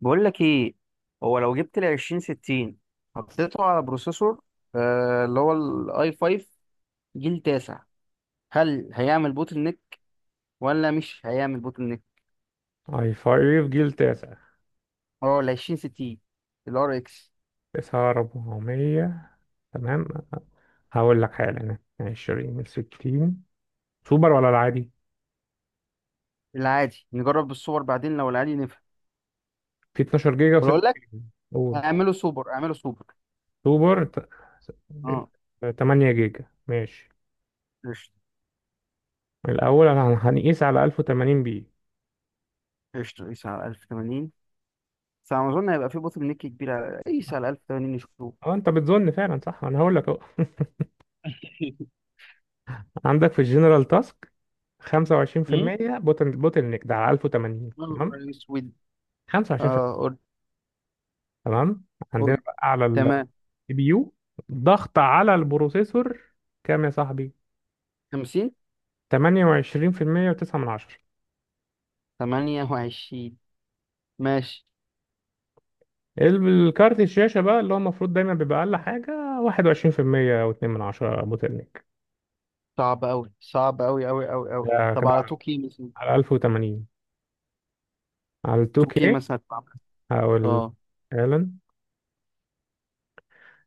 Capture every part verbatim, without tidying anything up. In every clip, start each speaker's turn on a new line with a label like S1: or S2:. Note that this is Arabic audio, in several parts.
S1: بقول لك ايه؟ هو لو جبت ال عشرين ستين حطيته على بروسيسور، آه اللي هو الاي خمسة جيل تاسع، هل هيعمل بوتل نيك ولا مش هيعمل بوتل نيك؟
S2: اي فايف جيل تاسع.
S1: اه ال عشرين ستين، الار اكس.
S2: تسعة أربعمية. تمام. هقول لك حالا. عشرين من ستين، سوبر ولا العادي؟
S1: العادي نجرب بالسوبر بعدين لو العادي نفهم.
S2: في اتناشر جيجا
S1: ولو
S2: وستة
S1: اقول لك
S2: جيجا. قول.
S1: اعمله سوبر اعمله سوبر.
S2: سوبر ت-
S1: اه،
S2: تمانية جيجا ماشي.
S1: قشطة
S2: الأول أنا هنقيس على ألف وتمانين بي.
S1: قشطة. قيس على ألف وتمانين. بس على ما اظن هيبقى في بوتل نيك كبير على، قيس على ألف وتمانين نشوف.
S2: أه أنت بتظن فعلا؟ صح، أنا هقول لك أهو عندك في الجنرال تاسك خمسة وعشرين في
S1: هم؟
S2: المية بوتل بوتل نيك ده على ألف وتمانين،
S1: يا
S2: تمام.
S1: نهار اسود.
S2: خمسة وعشرين في
S1: اه
S2: المية
S1: قول
S2: تمام. عندنا
S1: قول.
S2: بقى على
S1: تمام.
S2: بيو ضغط على البروسيسور كام يا صاحبي.
S1: خمسين.
S2: تمانية وعشرين في المية و9 من عشرة.
S1: تمانية وعشرين. ماشي.
S2: الكارت الشاشة بقى اللي هو المفروض دايما بيبقى أقل حاجة واحد وعشرين في المية أو اتنين من عشرة أبو تلنك.
S1: صعب أوي، صعب أوي أوي أوي أوي.
S2: ده
S1: طب
S2: كده
S1: على
S2: على
S1: توكي مثلا؟
S2: على ألف وتمانين، على ال
S1: توكي
S2: تو كيه
S1: مثلا هتتعمل.
S2: أو ال،
S1: اه
S2: فعلا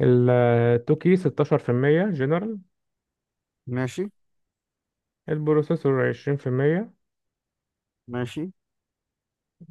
S2: ال تو كيه ستة عشر في المية جنرال،
S1: ماشي
S2: البروسيسور عشرين في المية،
S1: ماشي.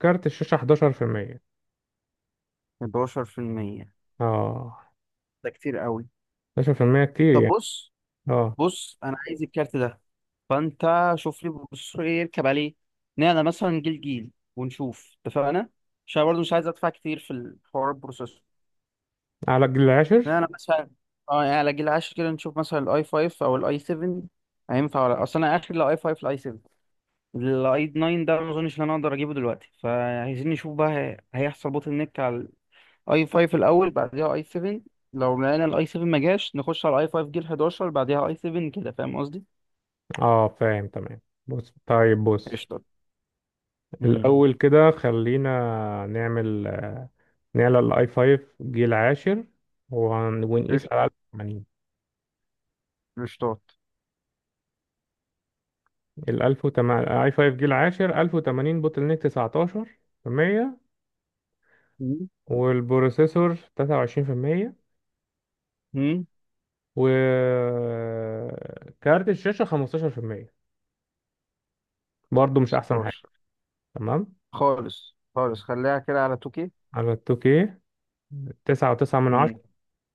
S2: كارت الشاشة احداشر في المية.
S1: حداشر في المية،
S2: اه.
S1: ده كتير أوي.
S2: احداشر في المية كتير
S1: طب
S2: يعني.
S1: بص.
S2: اه،
S1: بص، أنا عايز الكارت ده، فأنت شوف لي بص إيه يركب عليه. نعمل مثلا جيل جيل ونشوف اتفقنا. عشان برضه مش عايز أدفع كتير في الحوار البروسيسور.
S2: على الجيل العاشر.
S1: نعمل مثلا، اه يعني على جيل عشرة كده نشوف مثلا الأي خمسة أو الأي سبعة هينفع ولا؟ أصل أنا آخر الأي خمسة الأي سبعة، الاي تسعة ده ما اظنش ان انا اقدر اجيبه دلوقتي، فعايزين نشوف بقى هي- هيحصل بوتل نيك على الاي خمسة الاول، بعدها اي سبعة. لو لقينا الاي سبعة ما جاش نخش على الاي خمسة جيل حداشر، بعدها اي سبعة، كده فاهم قصدي؟
S2: اه فاهم، تمام. بص، طيب، بص.
S1: قشطة. امم
S2: الأول كده خلينا نعمل، آه، نعلى الآي خمسة جيل عاشر وهن- ونقيس على
S1: قشطة،
S2: ألف وتمانين.
S1: قشطات.
S2: ال ألف وتمانين اي خمسة جيل عاشر ألف وتمانين بوتل نيك تسعتاشر في المية، والبروسيسور تلاتة وعشرين في المية،
S1: امم
S2: وكارت الشاشة خمستاشر في المية. برضه مش أحسن حاجة.
S1: ستاشر
S2: تمام.
S1: خالص، خالص خليها كده على تو كي.
S2: على ال تو كيه تسعة فاصلة تسعة من
S1: امم.
S2: عشرة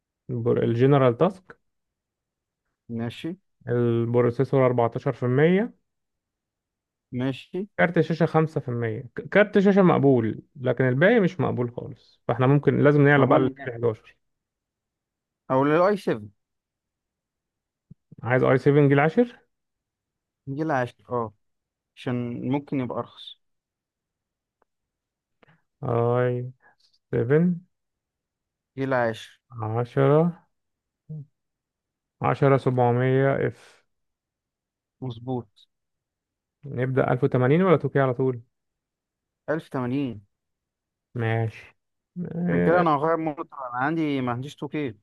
S2: الجنرال تاسك.
S1: ماشي
S2: البروسيسور أربعة عشر في المية،
S1: ماشي
S2: كارت الشاشة خمسة في المية. ك- كارت الشاشة مقبول، لكن الباقي مش مقبول خالص، فاحنا ممكن لازم نعلى بقى. طب
S1: مبون
S2: لل
S1: نهائي،
S2: احداشر.
S1: او للاي سبعة
S2: عايز اي سبعة جيل عشرة.
S1: جيل عشرة، اه عشان ممكن يبقى ارخص.
S2: اي سفن
S1: جيل عشرة.
S2: عشرة. 10 700 اف.
S1: مظبوط.
S2: نبدأ ألف وتمانين ولا تو كيه على طول؟
S1: ألف وتمانين.
S2: ماشي.
S1: عشان كده
S2: آه،
S1: انا هغير مونيتور، انا عندي ما عنديش تو كي.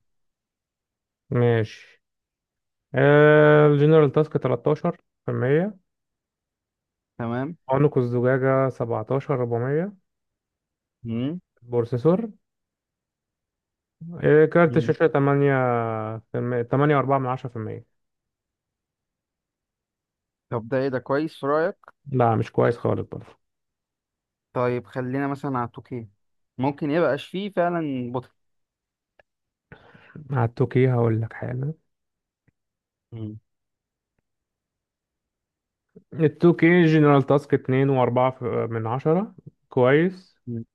S2: ماشي. آه، الجنرال تاسك تلتاشر في المية،
S1: تمام.
S2: عنق الزجاجة 17 400
S1: مم.
S2: بروسيسور، آه، كارت
S1: مم.
S2: الشاشة تمانية في المية. تمانية اربعة من عشرة في المية.
S1: طب ده ايه؟ ده كويس في رايك؟
S2: لا مش كويس خالص برضه.
S1: طيب خلينا مثلا على تو كي. ممكن يبقاش فيه فعلا بطل.
S2: مع التوكي هقول لك حاجة.
S1: مم.
S2: التوكي جنرال تاسك اتنين وأربعة في- من عشرة. كويس.
S1: مم.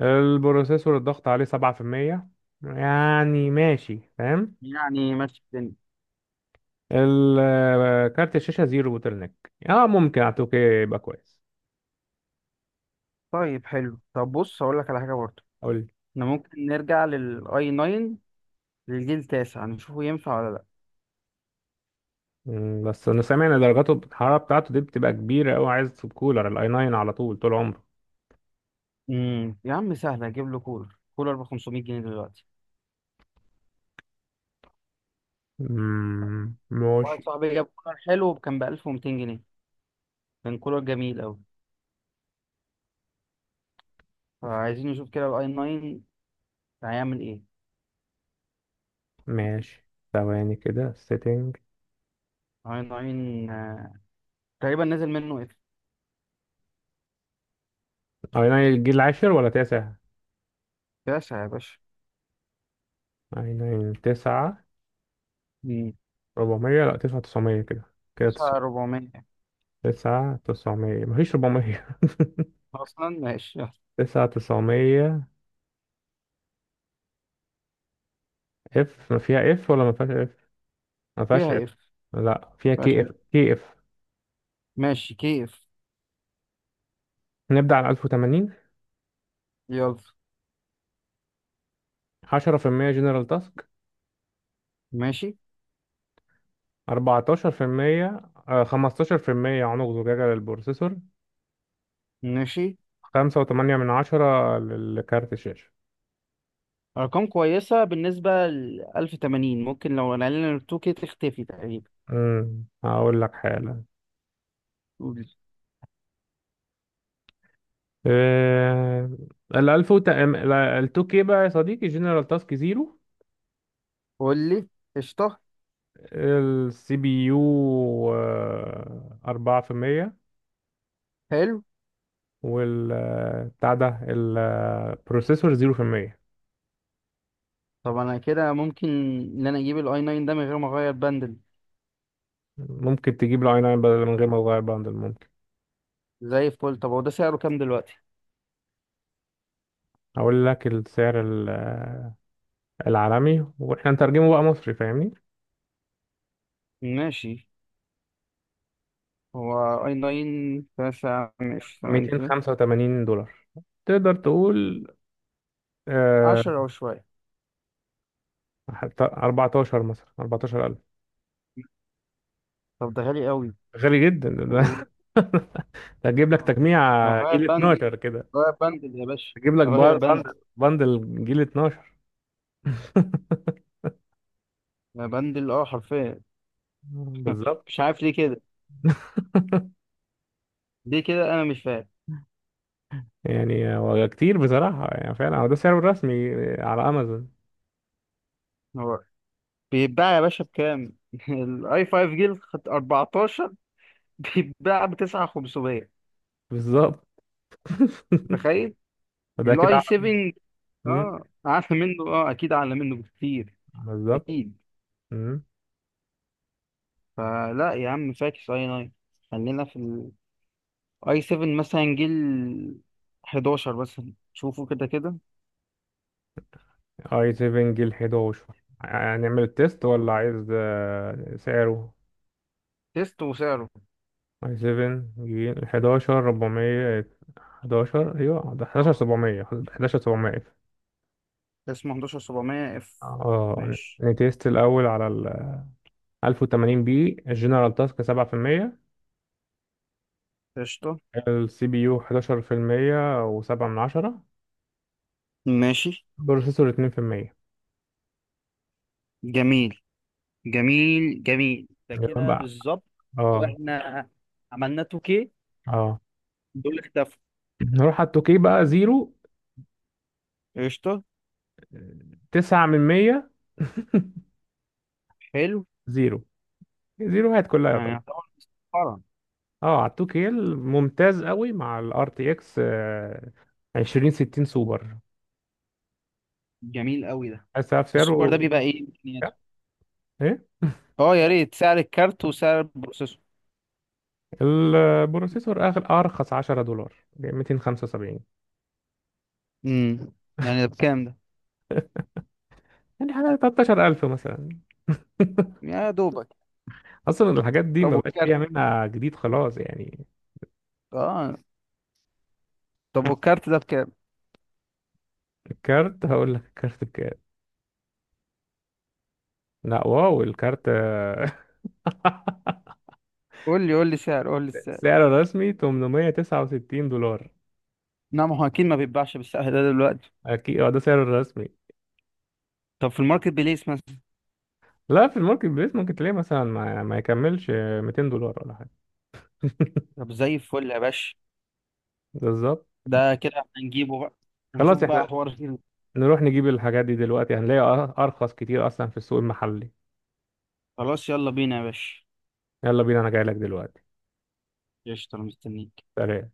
S2: البروسيسور الضغط عليه سبعة في المية، يعني ماشي، فاهم.
S1: يعني ماشي الدنيا.
S2: ال- آه، كارت الشاشة زيرو بوتل نيك. اه ممكن على التوكي يبقى كويس.
S1: طيب حلو. طب بص هقول لك على حاجه برضه.
S2: قول لي.
S1: احنا ممكن نرجع للاي تسعة، للجيل التاسع، نشوفه ينفع ولا لا.
S2: مم، بس انا سامع ان درجاته الحرارة بتاعته دي بتبقى كبيرة اوي. عايز تسيب كولر الاي ناين على طول طول عمره.
S1: مم. يا عم سهل اجيب له كولر. كولر ب خمسمية جنيه دلوقتي.
S2: مم،
S1: واحد
S2: ماشي.
S1: صاحبي جاب كولر حلو كان ب ألف ومئتين جنيه، كان كولر جميل قوي. فعايزين نشوف كده الاي تسعة هيعمل ايه.
S2: ماشي ثواني كده سيتنج.
S1: اي تسعة، آه، تقريبا نزل منه اف.
S2: اي تسعة. الجيل العاشر ولا تسعة؟
S1: تسعة يا باشا.
S2: اي 9 تسعة
S1: مم.
S2: أربعمائة. لا 9 900 كده. كده تسعة
S1: تسعة أربعمية.
S2: 9 900 مفيش اربعمية.
S1: اصلا ماشي، يلا.
S2: 9 900 اف. ما فيها اف ولا ما فيهاش اف. ما فيهاش اف.
S1: فيها اف.
S2: لا فيها
S1: باشا
S2: كي اف
S1: F.
S2: كي اف.
S1: ماشي كيف.
S2: نبدأ على ألف وتمانين.
S1: يلا.
S2: عشرة في المية جنرال تاسك.
S1: ماشي
S2: اربعتاشر في المية. آه، خمسة عشر في المية عنق زجاجة للبروسيسور.
S1: ماشي.
S2: خمسة فاصلة تمانية من عشرة للكارت الشاشة.
S1: ارقام كويسة بالنسبة ل ألف وتمانين، ممكن لو نقلنا ال تو كي تختفي تقريبا.
S2: امم هقول لك حالا.
S1: قول
S2: آه، ال ألف، ال تو كيه بقى يا صديقي، جنرال تاسك زيرو.
S1: قول لي. قشطة.
S2: السي بي يو أربعة في المية،
S1: حلو.
S2: والبتاع ده البروسيسور زيرو في المية.
S1: طب انا كده ممكن ان انا اجيب الاي تسعة ده من غير ما اغير بندل.
S2: ممكن تجيب له اي ناين بدل من غير ما تغير بندل، ممكن.
S1: زي الفل. طب هو ده سعره كام دلوقتي؟
S2: هقول لك السعر، ال- آه، العالمي، واحنا نترجمه بقى مصري فاهمني.
S1: ماشي. هو اي 9، تسعة، ماشي ثواني كده.
S2: ميتين خمسة وتمانين دولار، تقدر تقول آه،
S1: عشرة وشوية.
S2: حتى أربعة عشر مثلا، اربعتاشر ألف.
S1: طب ده غالي قوي.
S2: غالي جدا ده
S1: و-
S2: ده هتجيب لك
S1: اه
S2: تجميع
S1: ما هو غاية
S2: جيل
S1: بندل.
S2: اتناشر كده.
S1: غاية بندل يا باشا.
S2: تجيب لك
S1: غاية بندل.
S2: بندل. بندل جيل اتناشر
S1: يا بندل، اه، حرفيا.
S2: بالظبط.
S1: مش عارف ليه كده. ليه كده انا مش فاهم.
S2: يعني هو كتير بصراحة. يعني فعلا هو ده سعره الرسمي على أمازون.
S1: هو بيتباع يا باشا بكام؟ الاي خمسة جيل أربعة عشر بيتباع ب تسعة الاف وخمسمية،
S2: بالظبط.
S1: متخيل؟
S2: فده كده
S1: الاي
S2: أعلى.
S1: سبعة
S2: مم.
S1: اه، اعلى منه. اه، اكيد اعلى منه بكتير.
S2: بالظبط.
S1: اكيد.
S2: مم.
S1: فلا يا عم فاكس اي تسعة. خلينا في الاي سبعة مثلا، جيل حداشر مثلا، شوفوا كده كده.
S2: اي سبعة جيل احداشر. هنعمل التيست ولا عايز آه، سعره؟
S1: تيست وسعره.
S2: اي سبعة جيل 11 400. احداشر ايوه ده 11
S1: اه،
S2: 700 11 700.
S1: اسمه حداشر سبعمية اف.
S2: اه.
S1: ماشي.
S2: نتيست الأول على ال ألف وتمانين بي. الجنرال تاسك سبعة في المية،
S1: قشطة.
S2: السي بي يو احداشر في المية و7 من عشرة،
S1: ماشي.
S2: بروسيسور اتنين في المية.
S1: جميل جميل جميل، ده
S2: يبقى
S1: كده
S2: بقى،
S1: بالظبط. لو
S2: اه
S1: احنا عملنا تو كي
S2: اه،
S1: دول اختفوا.
S2: نروح على التوكي بقى زيرو.
S1: قشطة.
S2: تسعة من مية
S1: حلو.
S2: زيرو، زيروهات كلها
S1: يعني
S2: طبعا.
S1: يعتبر مسخرة.
S2: اه على التوكي ممتاز قوي مع الار تي اكس عشرين ستين سوبر.
S1: جميل قوي ده.
S2: بس
S1: السوبر ده
S2: سعره
S1: بيبقى ايه امكانياته؟
S2: ايه؟
S1: اه يا ريت سعر الكارت وسعر البروسيسور.
S2: البروسيسور اغلى ارخص عشرة دولار ب مئتين وخمسة وسبعين.
S1: امم يعني ده بكام ده.
S2: يعني حاجه تلتاشر ألف مثلا.
S1: يا دوبك.
S2: اصلا الحاجات دي
S1: طب
S2: ما بقاش فيها
S1: والكارت
S2: منها جديد خلاص يعني.
S1: اه طب والكارت ده بكام؟
S2: الكارت. هقول لك الكارت بكام. لا واو الكارت
S1: قول لي قول لي سعر قول لي السعر.
S2: سعره الرسمي تمنمية تسعة وستين دولار.
S1: نعم، هو اكيد ما بيتباعش بالسعر ده دلوقتي.
S2: اكيد، اه ده سعره الرسمي.
S1: طب في الماركت بليس مثلا.
S2: لا في الماركت بليس ممكن تلاقيه مثلا ما, ما يكملش ميتين دولار ولا حاجه
S1: طب زي الفل يا باشا.
S2: بالظبط.
S1: ده كده هنجيبه بقى،
S2: خلاص
S1: ونشوف بقى
S2: احنا
S1: حوار فيه.
S2: نروح نجيب الحاجات دي دلوقتي، هنلاقي أر- ارخص كتير اصلا في السوق المحلي.
S1: خلاص يلا بينا يا باشا.
S2: يلا بينا، انا جاي لك دلوقتي.
S1: قشطة أنا مستنيك.
S2: سلام.